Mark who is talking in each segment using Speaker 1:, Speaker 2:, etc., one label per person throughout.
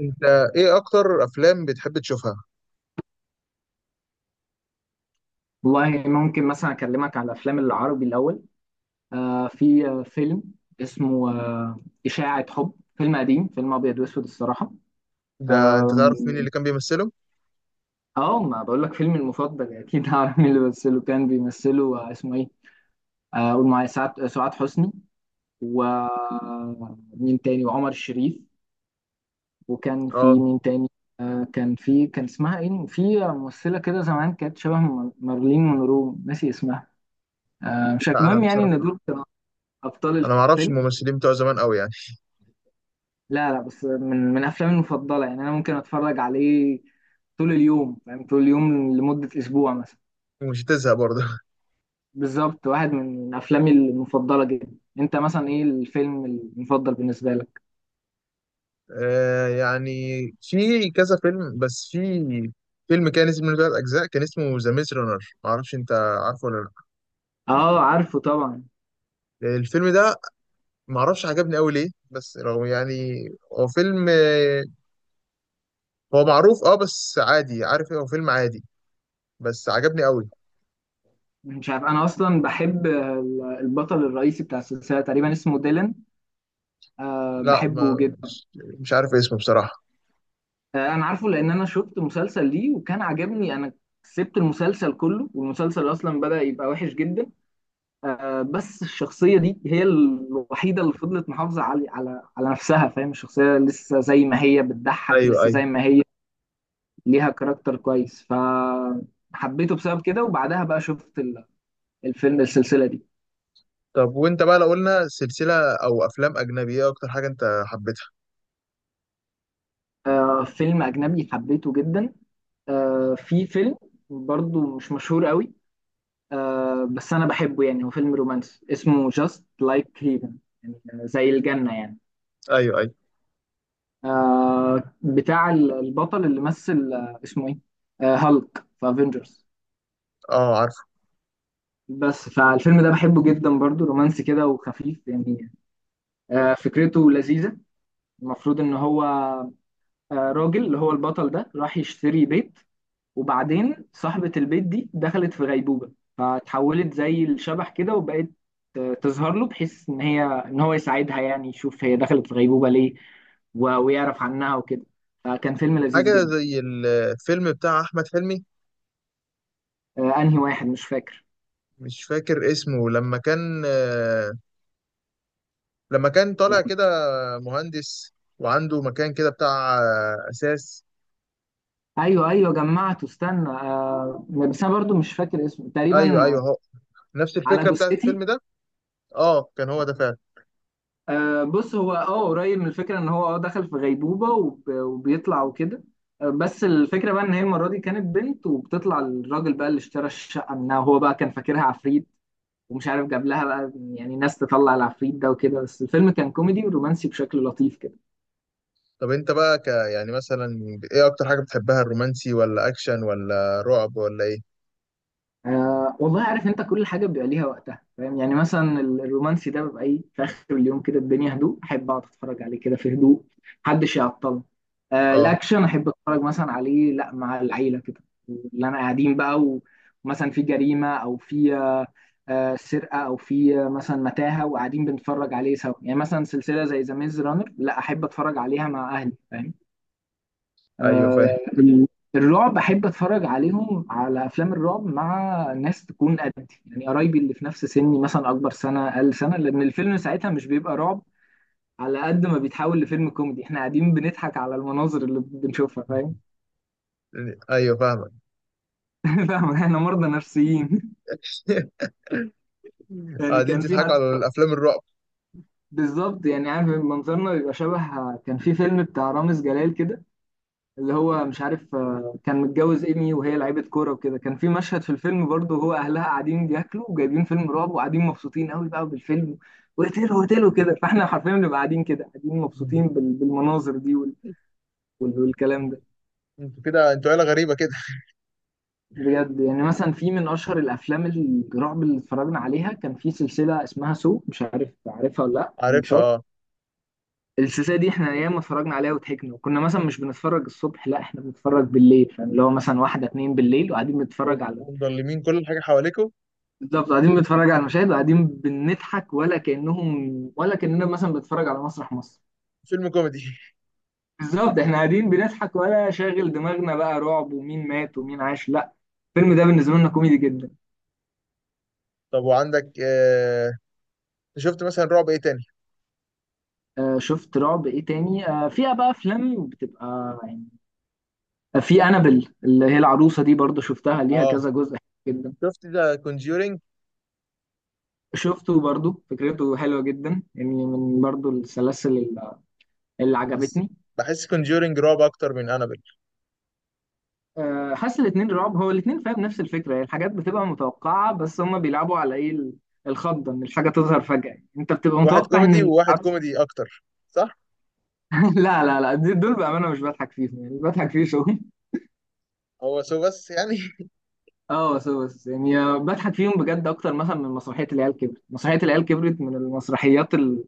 Speaker 1: انت، ايه اكتر افلام بتحب تشوفها؟
Speaker 2: والله ممكن مثلا اكلمك على الافلام العربي الاول. في فيلم اسمه اشاعة حب. فيلم قديم، فيلم ابيض واسود الصراحة.
Speaker 1: ده انت
Speaker 2: آم،
Speaker 1: تعرف مين اللي كان بيمثله؟
Speaker 2: اه، ما بقول لك فيلمي المفضل اكيد؟ هعرف مين اللي بيمثله. كان بيمثله اسمه ايه، قول معايا، سعاد، سعاد حسني، ومين تاني، وعمر شريف. وكان في
Speaker 1: اه.
Speaker 2: مين تاني؟ كان اسمها ايه، في ممثلة كده زمان كانت شبه مارلين مونرو ناسي اسمها. مش
Speaker 1: لا، انا
Speaker 2: المهم، يعني ان
Speaker 1: بصراحه،
Speaker 2: دول كانوا ابطال
Speaker 1: انا ما اعرفش
Speaker 2: الفيلم.
Speaker 1: الممثلين بتوع زمان قوي يعني.
Speaker 2: لا لا، بس من افلامي المفضله، يعني انا ممكن اتفرج عليه طول اليوم، يعني طول اليوم لمده اسبوع مثلا.
Speaker 1: ومش هتزهق برضه؟
Speaker 2: بالظبط، واحد من افلامي المفضله جدا. انت مثلا ايه الفيلم المفضل بالنسبه لك؟
Speaker 1: يعني في كذا فيلم، بس في فيلم كان اسمه ثلاث اجزاء، كان اسمه ذا ميز رانر، ما اعرفش، انت عارفه ولا
Speaker 2: اه عارفه طبعا.
Speaker 1: لا؟ الفيلم ده، ما اعرفش عجبني قوي ليه، بس رغم يعني هو فيلم هو معروف، بس عادي، عارف، ايه هو فيلم عادي، بس عجبني قوي.
Speaker 2: مش عارف، انا اصلا بحب البطل الرئيسي بتاع السلسله تقريبا، اسمه ديلان،
Speaker 1: لا،
Speaker 2: بحبه
Speaker 1: ما
Speaker 2: جدا.
Speaker 1: مش مش عارف اسمه بصراحه.
Speaker 2: انا عارفه لان انا شفت مسلسل ليه وكان عجبني، انا سبت المسلسل كله، والمسلسل اصلا بدأ يبقى وحش جدا. بس الشخصية دي هي الوحيدة اللي فضلت محافظة على نفسها، فاهم؟ الشخصية لسه زي ما هي، بتضحك
Speaker 1: ايوه،
Speaker 2: لسه
Speaker 1: ايوه.
Speaker 2: زي ما هي، ليها كاركتر كويس، فحبيته بسبب كده. وبعدها بقى شفت الفيلم، السلسلة دي.
Speaker 1: طب، وانت بقى لو قلنا سلسلة او افلام اجنبية، ايه اكتر حاجة انت حبيتها؟
Speaker 2: فيلم أجنبي حبيته جدا، في فيلم برضو مش مشهور قوي، بس أنا بحبه، يعني هو فيلم رومانسي اسمه Just Like Heaven، يعني زي الجنة يعني.
Speaker 1: ايوه، ايوه.
Speaker 2: بتاع البطل اللي مثل، اسمه ايه، هالك في افنجرز.
Speaker 1: اه، عارف.
Speaker 2: بس فالفيلم ده بحبه جدا، برضو رومانسي كده وخفيف يعني، فكرته لذيذة. المفروض ان هو، راجل اللي هو البطل ده راح يشتري بيت، وبعدين صاحبة البيت دي دخلت في غيبوبة، فتحولت زي الشبح كده، وبقت تظهر له بحيث ان هو يساعدها، يعني يشوف هي دخلت في غيبوبة ليه، ويعرف عنها وكده. فكان فيلم لذيذ
Speaker 1: حاجة
Speaker 2: جدا.
Speaker 1: زي الفيلم بتاع احمد حلمي،
Speaker 2: انهي واحد مش فاكر؟
Speaker 1: مش فاكر اسمه، لما كان لما كان طالع كده مهندس، وعنده مكان كده بتاع اساس.
Speaker 2: ايوه ايوه جمعته، استنى، بس انا برضو مش فاكر اسمه
Speaker 1: ايوه،
Speaker 2: تقريبا.
Speaker 1: ايوه، هو نفس
Speaker 2: على
Speaker 1: الفكرة بتاعت
Speaker 2: جثتي.
Speaker 1: الفيلم ده. اه، كان هو ده فعلا.
Speaker 2: بص، هو قريب من الفكره، ان هو دخل في غيبوبه، وبيطلع وكده. بس الفكره بقى ان هي المره دي كانت بنت، وبتطلع الراجل بقى اللي اشترى الشقه منها، وهو بقى كان فاكرها عفريت، ومش عارف جاب لها بقى يعني ناس تطلع العفريت ده وكده. بس الفيلم كان كوميدي ورومانسي بشكل لطيف كده.
Speaker 1: طب، انت بقى يعني مثلا ايه اكتر حاجة بتحبها، الرومانسي ولا اكشن ولا رعب ولا ايه؟
Speaker 2: والله، عارف انت كل حاجه بيبقى ليها وقتها، فاهم؟ يعني مثلا الرومانسي ده بيبقى ايه، في اخر اليوم كده، الدنيا هدوء، احب اقعد اتفرج عليه كده في هدوء، محدش يعطل.
Speaker 1: اه.
Speaker 2: الاكشن احب اتفرج مثلا عليه، لا، مع العيله كده اللي انا قاعدين بقى، ومثلا في جريمه، او في سرقه، او في مثلا متاهه، وقاعدين بنتفرج عليه سوا، يعني مثلا سلسله زي ذا ميز رانر، لا، احب اتفرج عليها مع اهلي، فاهم؟
Speaker 1: ايوه، فاهم.
Speaker 2: آه، ال- الرعب احب اتفرج عليهم، على افلام الرعب، مع ناس تكون قدي، يعني قرايبي اللي في نفس سني، مثلا اكبر سنه، اقل سنه، لان الفيلم ساعتها مش بيبقى رعب على قد ما بيتحول لفيلم كوميدي. احنا قاعدين بنضحك على المناظر اللي بنشوفها، فاهم؟
Speaker 1: ايوه، فاهمك.
Speaker 2: فاهم، احنا مرضى نفسيين يعني
Speaker 1: قاعدين
Speaker 2: كان في
Speaker 1: تضحكوا
Speaker 2: حد،
Speaker 1: على الافلام الرعب؟
Speaker 2: بالظبط، يعني عارف منظرنا بيبقى شبه. كان في فيلم بتاع رامز جلال كده، اللي هو مش عارف، كان متجوز ايمي وهي لعيبه كوره وكده، كان في مشهد في الفيلم برضه، هو اهلها قاعدين بياكلوا وجايبين فيلم رعب، وقاعدين مبسوطين قوي بقى بالفيلم، وقتلوا وقتلوا كده. فاحنا حرفيا بنبقى قاعدين كده، قاعدين مبسوطين بالمناظر دي والكلام ده.
Speaker 1: انتوا كده، انتوا عيله غريبه كده.
Speaker 2: بجد، يعني مثلا في من اشهر الافلام الرعب اللي اتفرجنا عليها، كان في سلسله اسمها سو، مش عارف عارفها ولا لا، من
Speaker 1: عارفها،
Speaker 2: شط.
Speaker 1: اه.
Speaker 2: السلسله دي احنا ياما اتفرجنا عليها وضحكنا، وكنا مثلا مش بنتفرج الصبح، لا، احنا بنتفرج بالليل، يعني اللي هو مثلا واحده اتنين بالليل، وقاعدين بنتفرج على،
Speaker 1: ومضلمين كل حاجه حواليكم.
Speaker 2: بالظبط، قاعدين بنتفرج على المشاهد وقاعدين بنضحك، ولا كأنهم، ولا كأننا مثلا بنتفرج على مسرح مصر.
Speaker 1: فيلم كوميدي.
Speaker 2: بالظبط، احنا قاعدين بنضحك، ولا شاغل دماغنا بقى رعب ومين مات ومين عاش، لا، الفيلم ده بالنسبة لنا كوميدي جدا.
Speaker 1: طب، وعندك شفت مثلا رعب ايه تاني؟
Speaker 2: شفت رعب ايه تاني، فيها بقى افلام بتبقى يعني، في انابل اللي هي العروسة دي، برضو شفتها ليها
Speaker 1: اه،
Speaker 2: كذا جزء جدا.
Speaker 1: شفت ده كونجورينج؟
Speaker 2: شفته برضو، فكرته حلوة جدا، يعني من برضو السلاسل اللي
Speaker 1: بس
Speaker 2: عجبتني.
Speaker 1: بحس كونجورينج رعب اكتر من انابل.
Speaker 2: حاسس الاتنين رعب، هو الاتنين فيها بنفس الفكرة، هي الحاجات بتبقى متوقعة، بس هما بيلعبوا على ايه، الخضة، ان الحاجة تظهر فجأة يعني. انت بتبقى
Speaker 1: واحد
Speaker 2: متوقع
Speaker 1: كوميدي
Speaker 2: ان
Speaker 1: وواحد
Speaker 2: العروس،
Speaker 1: كوميدي اكتر، صح.
Speaker 2: لا لا لا، دول بأمانة مش بضحك فيهم، يعني بضحك فيه شوية
Speaker 1: هو سو بس يعني.
Speaker 2: اه، بس يعني، بضحك فيهم بجد اكتر مثلا من مسرحية العيال كبرت. مسرحية العيال كبرت من المسرحيات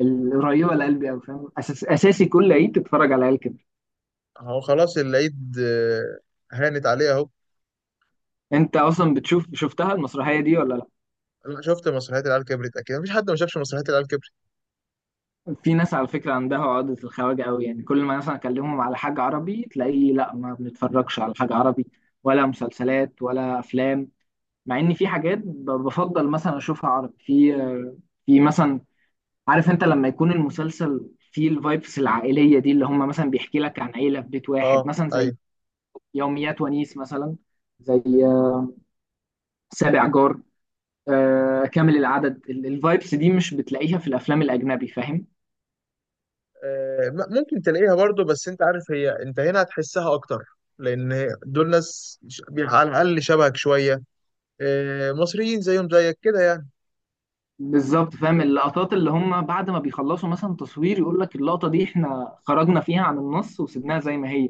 Speaker 2: القريبة لقلبي قوي، فاهم، اساسي كل عيد تتفرج على العيال كبرت.
Speaker 1: هو خلاص العيد هانت عليه اهو.
Speaker 2: انت اصلا شفتها المسرحية دي ولا لا؟
Speaker 1: لا، شفت مسرحيات العيال كبرت، اكيد مفيش حد ما شافش مسرحيات العيال كبرت.
Speaker 2: في ناس على فكرة عندها عقدة الخواجة قوي، يعني كل ما مثلا أكلمهم على حاجة عربي تلاقيه، لا، ما بنتفرجش على حاجة عربي، ولا مسلسلات ولا أفلام، مع إن في حاجات بفضل مثلا أشوفها عربي، في مثلا، عارف أنت لما يكون المسلسل فيه الفايبس العائلية دي، اللي هم مثلا بيحكي لك عن عيلة في بيت
Speaker 1: اه،
Speaker 2: واحد، مثلا زي
Speaker 1: ايوه.
Speaker 2: يوميات ونيس مثلا، زي سابع جار، كامل العدد، الفايبس دي مش بتلاقيها في الأفلام الأجنبي، فاهم؟
Speaker 1: ممكن تلاقيها برضو، بس انت عارف، هي انت هنا هتحسها اكتر، لان دول ناس على الاقل شبهك شويه، مصريين زيهم زيك كده يعني.
Speaker 2: بالظبط، فاهم، اللقطات اللي هم بعد ما بيخلصوا مثلا تصوير يقول لك اللقطة دي احنا خرجنا فيها عن النص وسيبناها زي ما هي،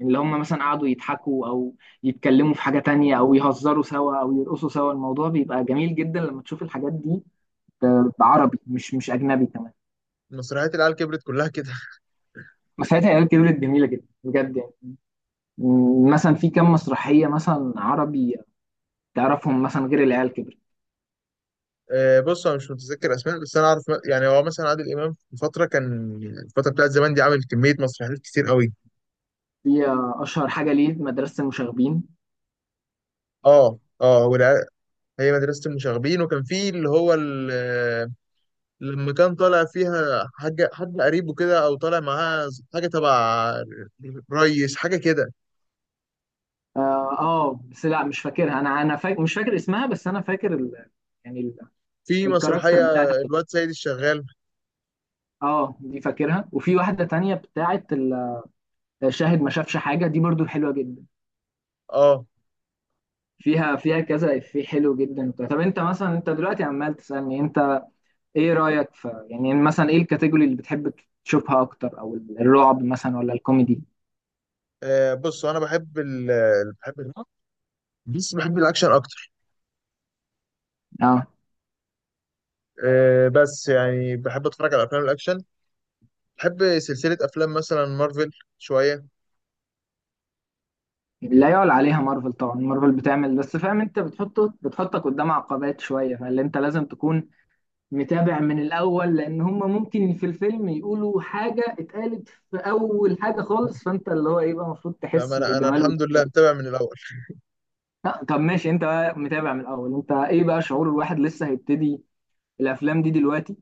Speaker 2: اللي هم مثلا قعدوا يضحكوا، او يتكلموا في حاجة تانية، او يهزروا سوا، او يرقصوا سوا. الموضوع بيبقى جميل جدا لما تشوف الحاجات دي بعربي، مش اجنبي كمان.
Speaker 1: مسرحيات العيال كبرت كلها كده.
Speaker 2: مسرحيات عيال كبرت جميلة جدا بجد، يعني، مثلا في كام مسرحية مثلا عربي تعرفهم، مثلا غير العيال كبرت؟
Speaker 1: بص، انا مش متذكر اسماء، بس انا عارف يعني هو مثلا عادل امام في فتره كان، الفتره بتاعت زمان دي، عامل كميه مسرحيات كتير قوي.
Speaker 2: في اشهر حاجة ليه مدرسة المشاغبين.
Speaker 1: اه، اه، هي مدرسه المشاغبين، وكان في اللي هو لما كان طالع فيها حاجه، حد قريبه كده او طالع معاه حاجه تبع ريس، حاجه كده.
Speaker 2: اه، بس لا، مش فاكرها، انا مش فاكر اسمها، بس انا فاكر يعني
Speaker 1: في
Speaker 2: الكاركتر
Speaker 1: مسرحية
Speaker 2: بتاعت.
Speaker 1: الواد سيد الشغال.
Speaker 2: اه، دي فاكرها. وفي واحده تانية بتاعت شاهد ما شافش حاجه، دي برضو حلوه جدا،
Speaker 1: اه.
Speaker 2: فيها كذا في حلو جدا وبتاع. طب انت مثلا، انت دلوقتي عمال تسالني انت ايه رايك في، يعني مثلا ايه الكاتيجوري اللي بتحب تشوفها اكتر، او الرعب مثلا ولا الكوميدي؟
Speaker 1: بص، انا بحب ال ال- بحب ال- بس بحب الاكشن اكتر.
Speaker 2: اه،
Speaker 1: بس يعني بحب اتفرج على افلام الاكشن، بحب سلسلة افلام مثلا مارفل شوية.
Speaker 2: لا يعلى عليها مارفل طبعا، مارفل بتعمل، بس فاهم، انت بتحطك قدام عقبات شويه، فاللي انت لازم تكون متابع من الأول، لأن هم ممكن في الفيلم يقولوا حاجة اتقالت في أول حاجة خالص، فأنت اللي هو إيه بقى، المفروض
Speaker 1: لا، ما
Speaker 2: تحس
Speaker 1: انا
Speaker 2: بالجمال وده.
Speaker 1: الحمد لله متابع من الاول.
Speaker 2: لا، طب ماشي، أنت بقى متابع من الأول، أنت إيه بقى شعور الواحد لسه هيبتدي الأفلام دي دلوقتي؟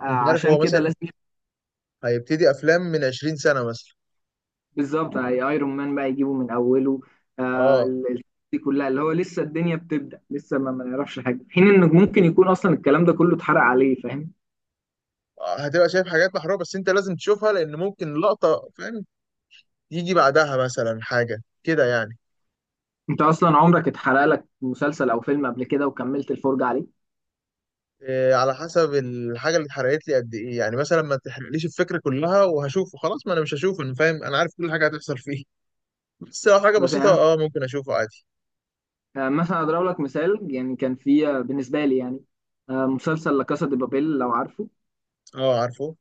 Speaker 1: انت عارف،
Speaker 2: عشان
Speaker 1: هو
Speaker 2: كده
Speaker 1: مثلا
Speaker 2: لازم
Speaker 1: هيبتدي افلام من 20 سنة مثلا.
Speaker 2: بالظبط. ايرون مان بقى يجيبه من أوله، آه
Speaker 1: اه.
Speaker 2: ال- ال- دي كلها اللي هو لسه الدنيا بتبدأ، لسه ما نعرفش حاجة، في حين إنك ممكن يكون أصلا الكلام ده كله اتحرق عليه، فاهم؟
Speaker 1: هتبقى شايف حاجات محروقة، بس انت لازم تشوفها لان ممكن لقطة، فاهم، يجي بعدها مثلا حاجة كده يعني.
Speaker 2: أنت أصلا عمرك اتحرق لك مسلسل أو فيلم قبل كده وكملت الفرجة عليه؟
Speaker 1: إيه، على حسب الحاجه اللي اتحرقت لي قد ايه يعني، مثلا ما تحرقليش الفكره كلها وهشوفه، خلاص ما انا مش هشوفه، انا فاهم، انا عارف كل حاجه هتحصل فيه. بس لو حاجه
Speaker 2: مثلا
Speaker 1: بسيطه
Speaker 2: يعني،
Speaker 1: اه ممكن اشوفه عادي.
Speaker 2: مثلا اضرب لك مثال، يعني كان في، بالنسبه لي يعني، مسلسل لا كاسا دي بابيل، لو عارفه،
Speaker 1: اه، عارفه.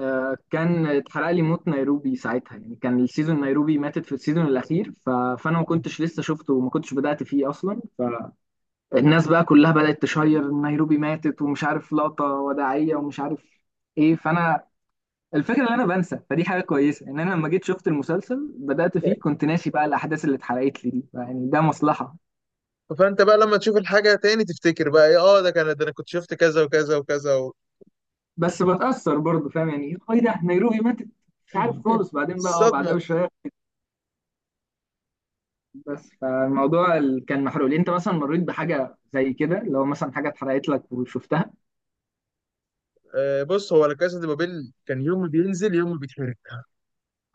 Speaker 2: كان اتحرق لي موت نيروبي ساعتها، يعني كان السيزون، نيروبي ماتت في السيزون الاخير، فانا ما كنتش لسه شفته وما كنتش بدات فيه اصلا. فالناس بقى كلها بدات تشير نيروبي ماتت، ومش عارف لقطه وداعيه، ومش عارف ايه، فانا الفكره ان انا بنسى، فدي حاجه كويسه، ان انا لما جيت شفت المسلسل بدات فيه كنت ناسي بقى الاحداث اللي اتحرقت لي دي، يعني ده مصلحه،
Speaker 1: فانت بقى لما تشوف الحاجه تاني، تفتكر بقى، ايه اه ده كان، ده انا كنت شفت كذا وكذا وكذا
Speaker 2: بس بتأثر برضه، فاهم يعني؟ ايه ده، نيروبي ماتت، مش عارف خالص، بعدين بقى بعدها
Speaker 1: الصدمه.
Speaker 2: بشويه. بس فالموضوع كان محروق ليه، انت مثلا مريت بحاجه زي كده، لو مثلا حاجه اتحرقت لك وشفتها؟
Speaker 1: بص، هو لا كاسا دي بابيل كان يوم ما بينزل يوم ما بيتحرق،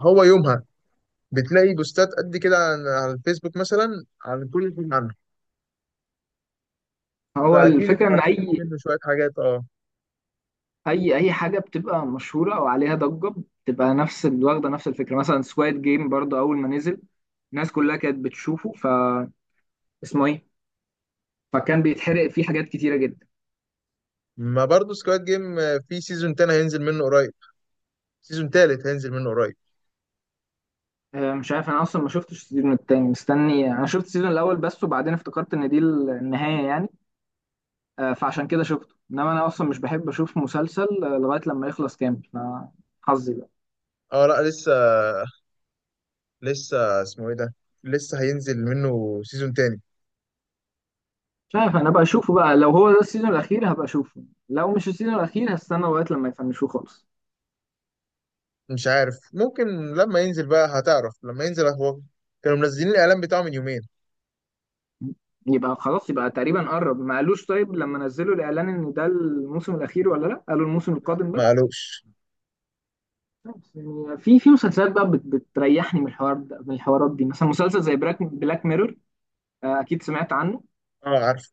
Speaker 1: هو يومها بتلاقي بوستات قد كده على الفيسبوك مثلا عن كل حاجه عنه،
Speaker 2: هو
Speaker 1: فاكيد
Speaker 2: الفكره ان
Speaker 1: اتحرقت منه شويه حاجات، اه.
Speaker 2: اي حاجه بتبقى مشهوره او عليها ضجه بتبقى نفس واخده نفس الفكره، مثلا سواد جيم برضه اول ما نزل، الناس كلها كانت بتشوفه، اسمه ايه، فكان بيتحرق فيه حاجات كتيره جدا.
Speaker 1: ما برضه سكواد جيم، في سيزون تاني هينزل منه قريب، سيزون تالت هينزل منه قريب.
Speaker 2: مش عارف، انا اصلا ما شفتش السيزون التاني، مستني، انا شفت السيزون الاول بس، وبعدين افتكرت ان دي النهايه يعني، فعشان كده شفته. انما انا اصلا مش بحب اشوف مسلسل لغايه لما يخلص كامل، فحظي بقى.
Speaker 1: اه، لا، لسه. لسه اسمه ايه ده؟ لسه هينزل منه سيزون تاني.
Speaker 2: مش عارف، انا بقى اشوفه بقى لو هو ده السيزون الاخير هبقى اشوفه، لو مش السيزون الاخير هستنى لغايه لما يفنشوه خالص.
Speaker 1: مش عارف، ممكن لما ينزل بقى هتعرف، لما ينزل هو، كانوا منزلين الاعلان بتاعه من يومين.
Speaker 2: يبقى خلاص يبقى تقريبا قرب، ما قالوش؟ طيب لما نزلوا الاعلان، ان ده الموسم الاخير ولا لا، قالوا الموسم
Speaker 1: لا،
Speaker 2: القادم
Speaker 1: ما
Speaker 2: بس؟
Speaker 1: قالوش.
Speaker 2: بس يعني في مسلسلات بقى بتريحني من الحوار ده، من الحوارات دي، مثلا مسلسل زي بلاك ميرور، اكيد سمعت عنه.
Speaker 1: اه، عارف.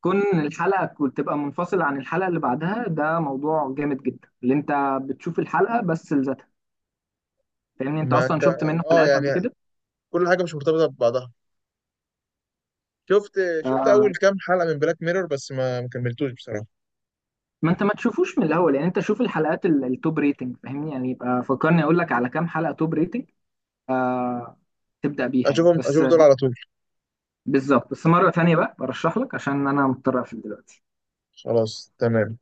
Speaker 2: كون الحلقة كنت تبقى منفصلة عن الحلقة اللي بعدها، ده موضوع جامد جدا، اللي انت بتشوف الحلقة بس لذاتها. فاهمني؟ انت
Speaker 1: ما
Speaker 2: اصلا
Speaker 1: انت،
Speaker 2: شفت منه
Speaker 1: اه
Speaker 2: حلقات
Speaker 1: يعني
Speaker 2: قبل كده؟
Speaker 1: كل حاجه مش مرتبطه ببعضها. شفت شفت
Speaker 2: آه
Speaker 1: اول كام حلقه من بلاك ميرور بس ما كملتوش بصراحه.
Speaker 2: ما انت ما تشوفوش من الاول، يعني انت شوف الحلقات التوب ريتنج، فاهمني؟ يعني يبقى فكرني اقول لك على كام حلقة توب ريتنج آه تبدأ بيها، يعني
Speaker 1: اشوفهم،
Speaker 2: بس،
Speaker 1: اشوف دول على طول.
Speaker 2: بالظبط. بس مرة تانية بقى برشح لك، عشان انا مضطر اقفل دلوقتي.
Speaker 1: خلاص، تمام.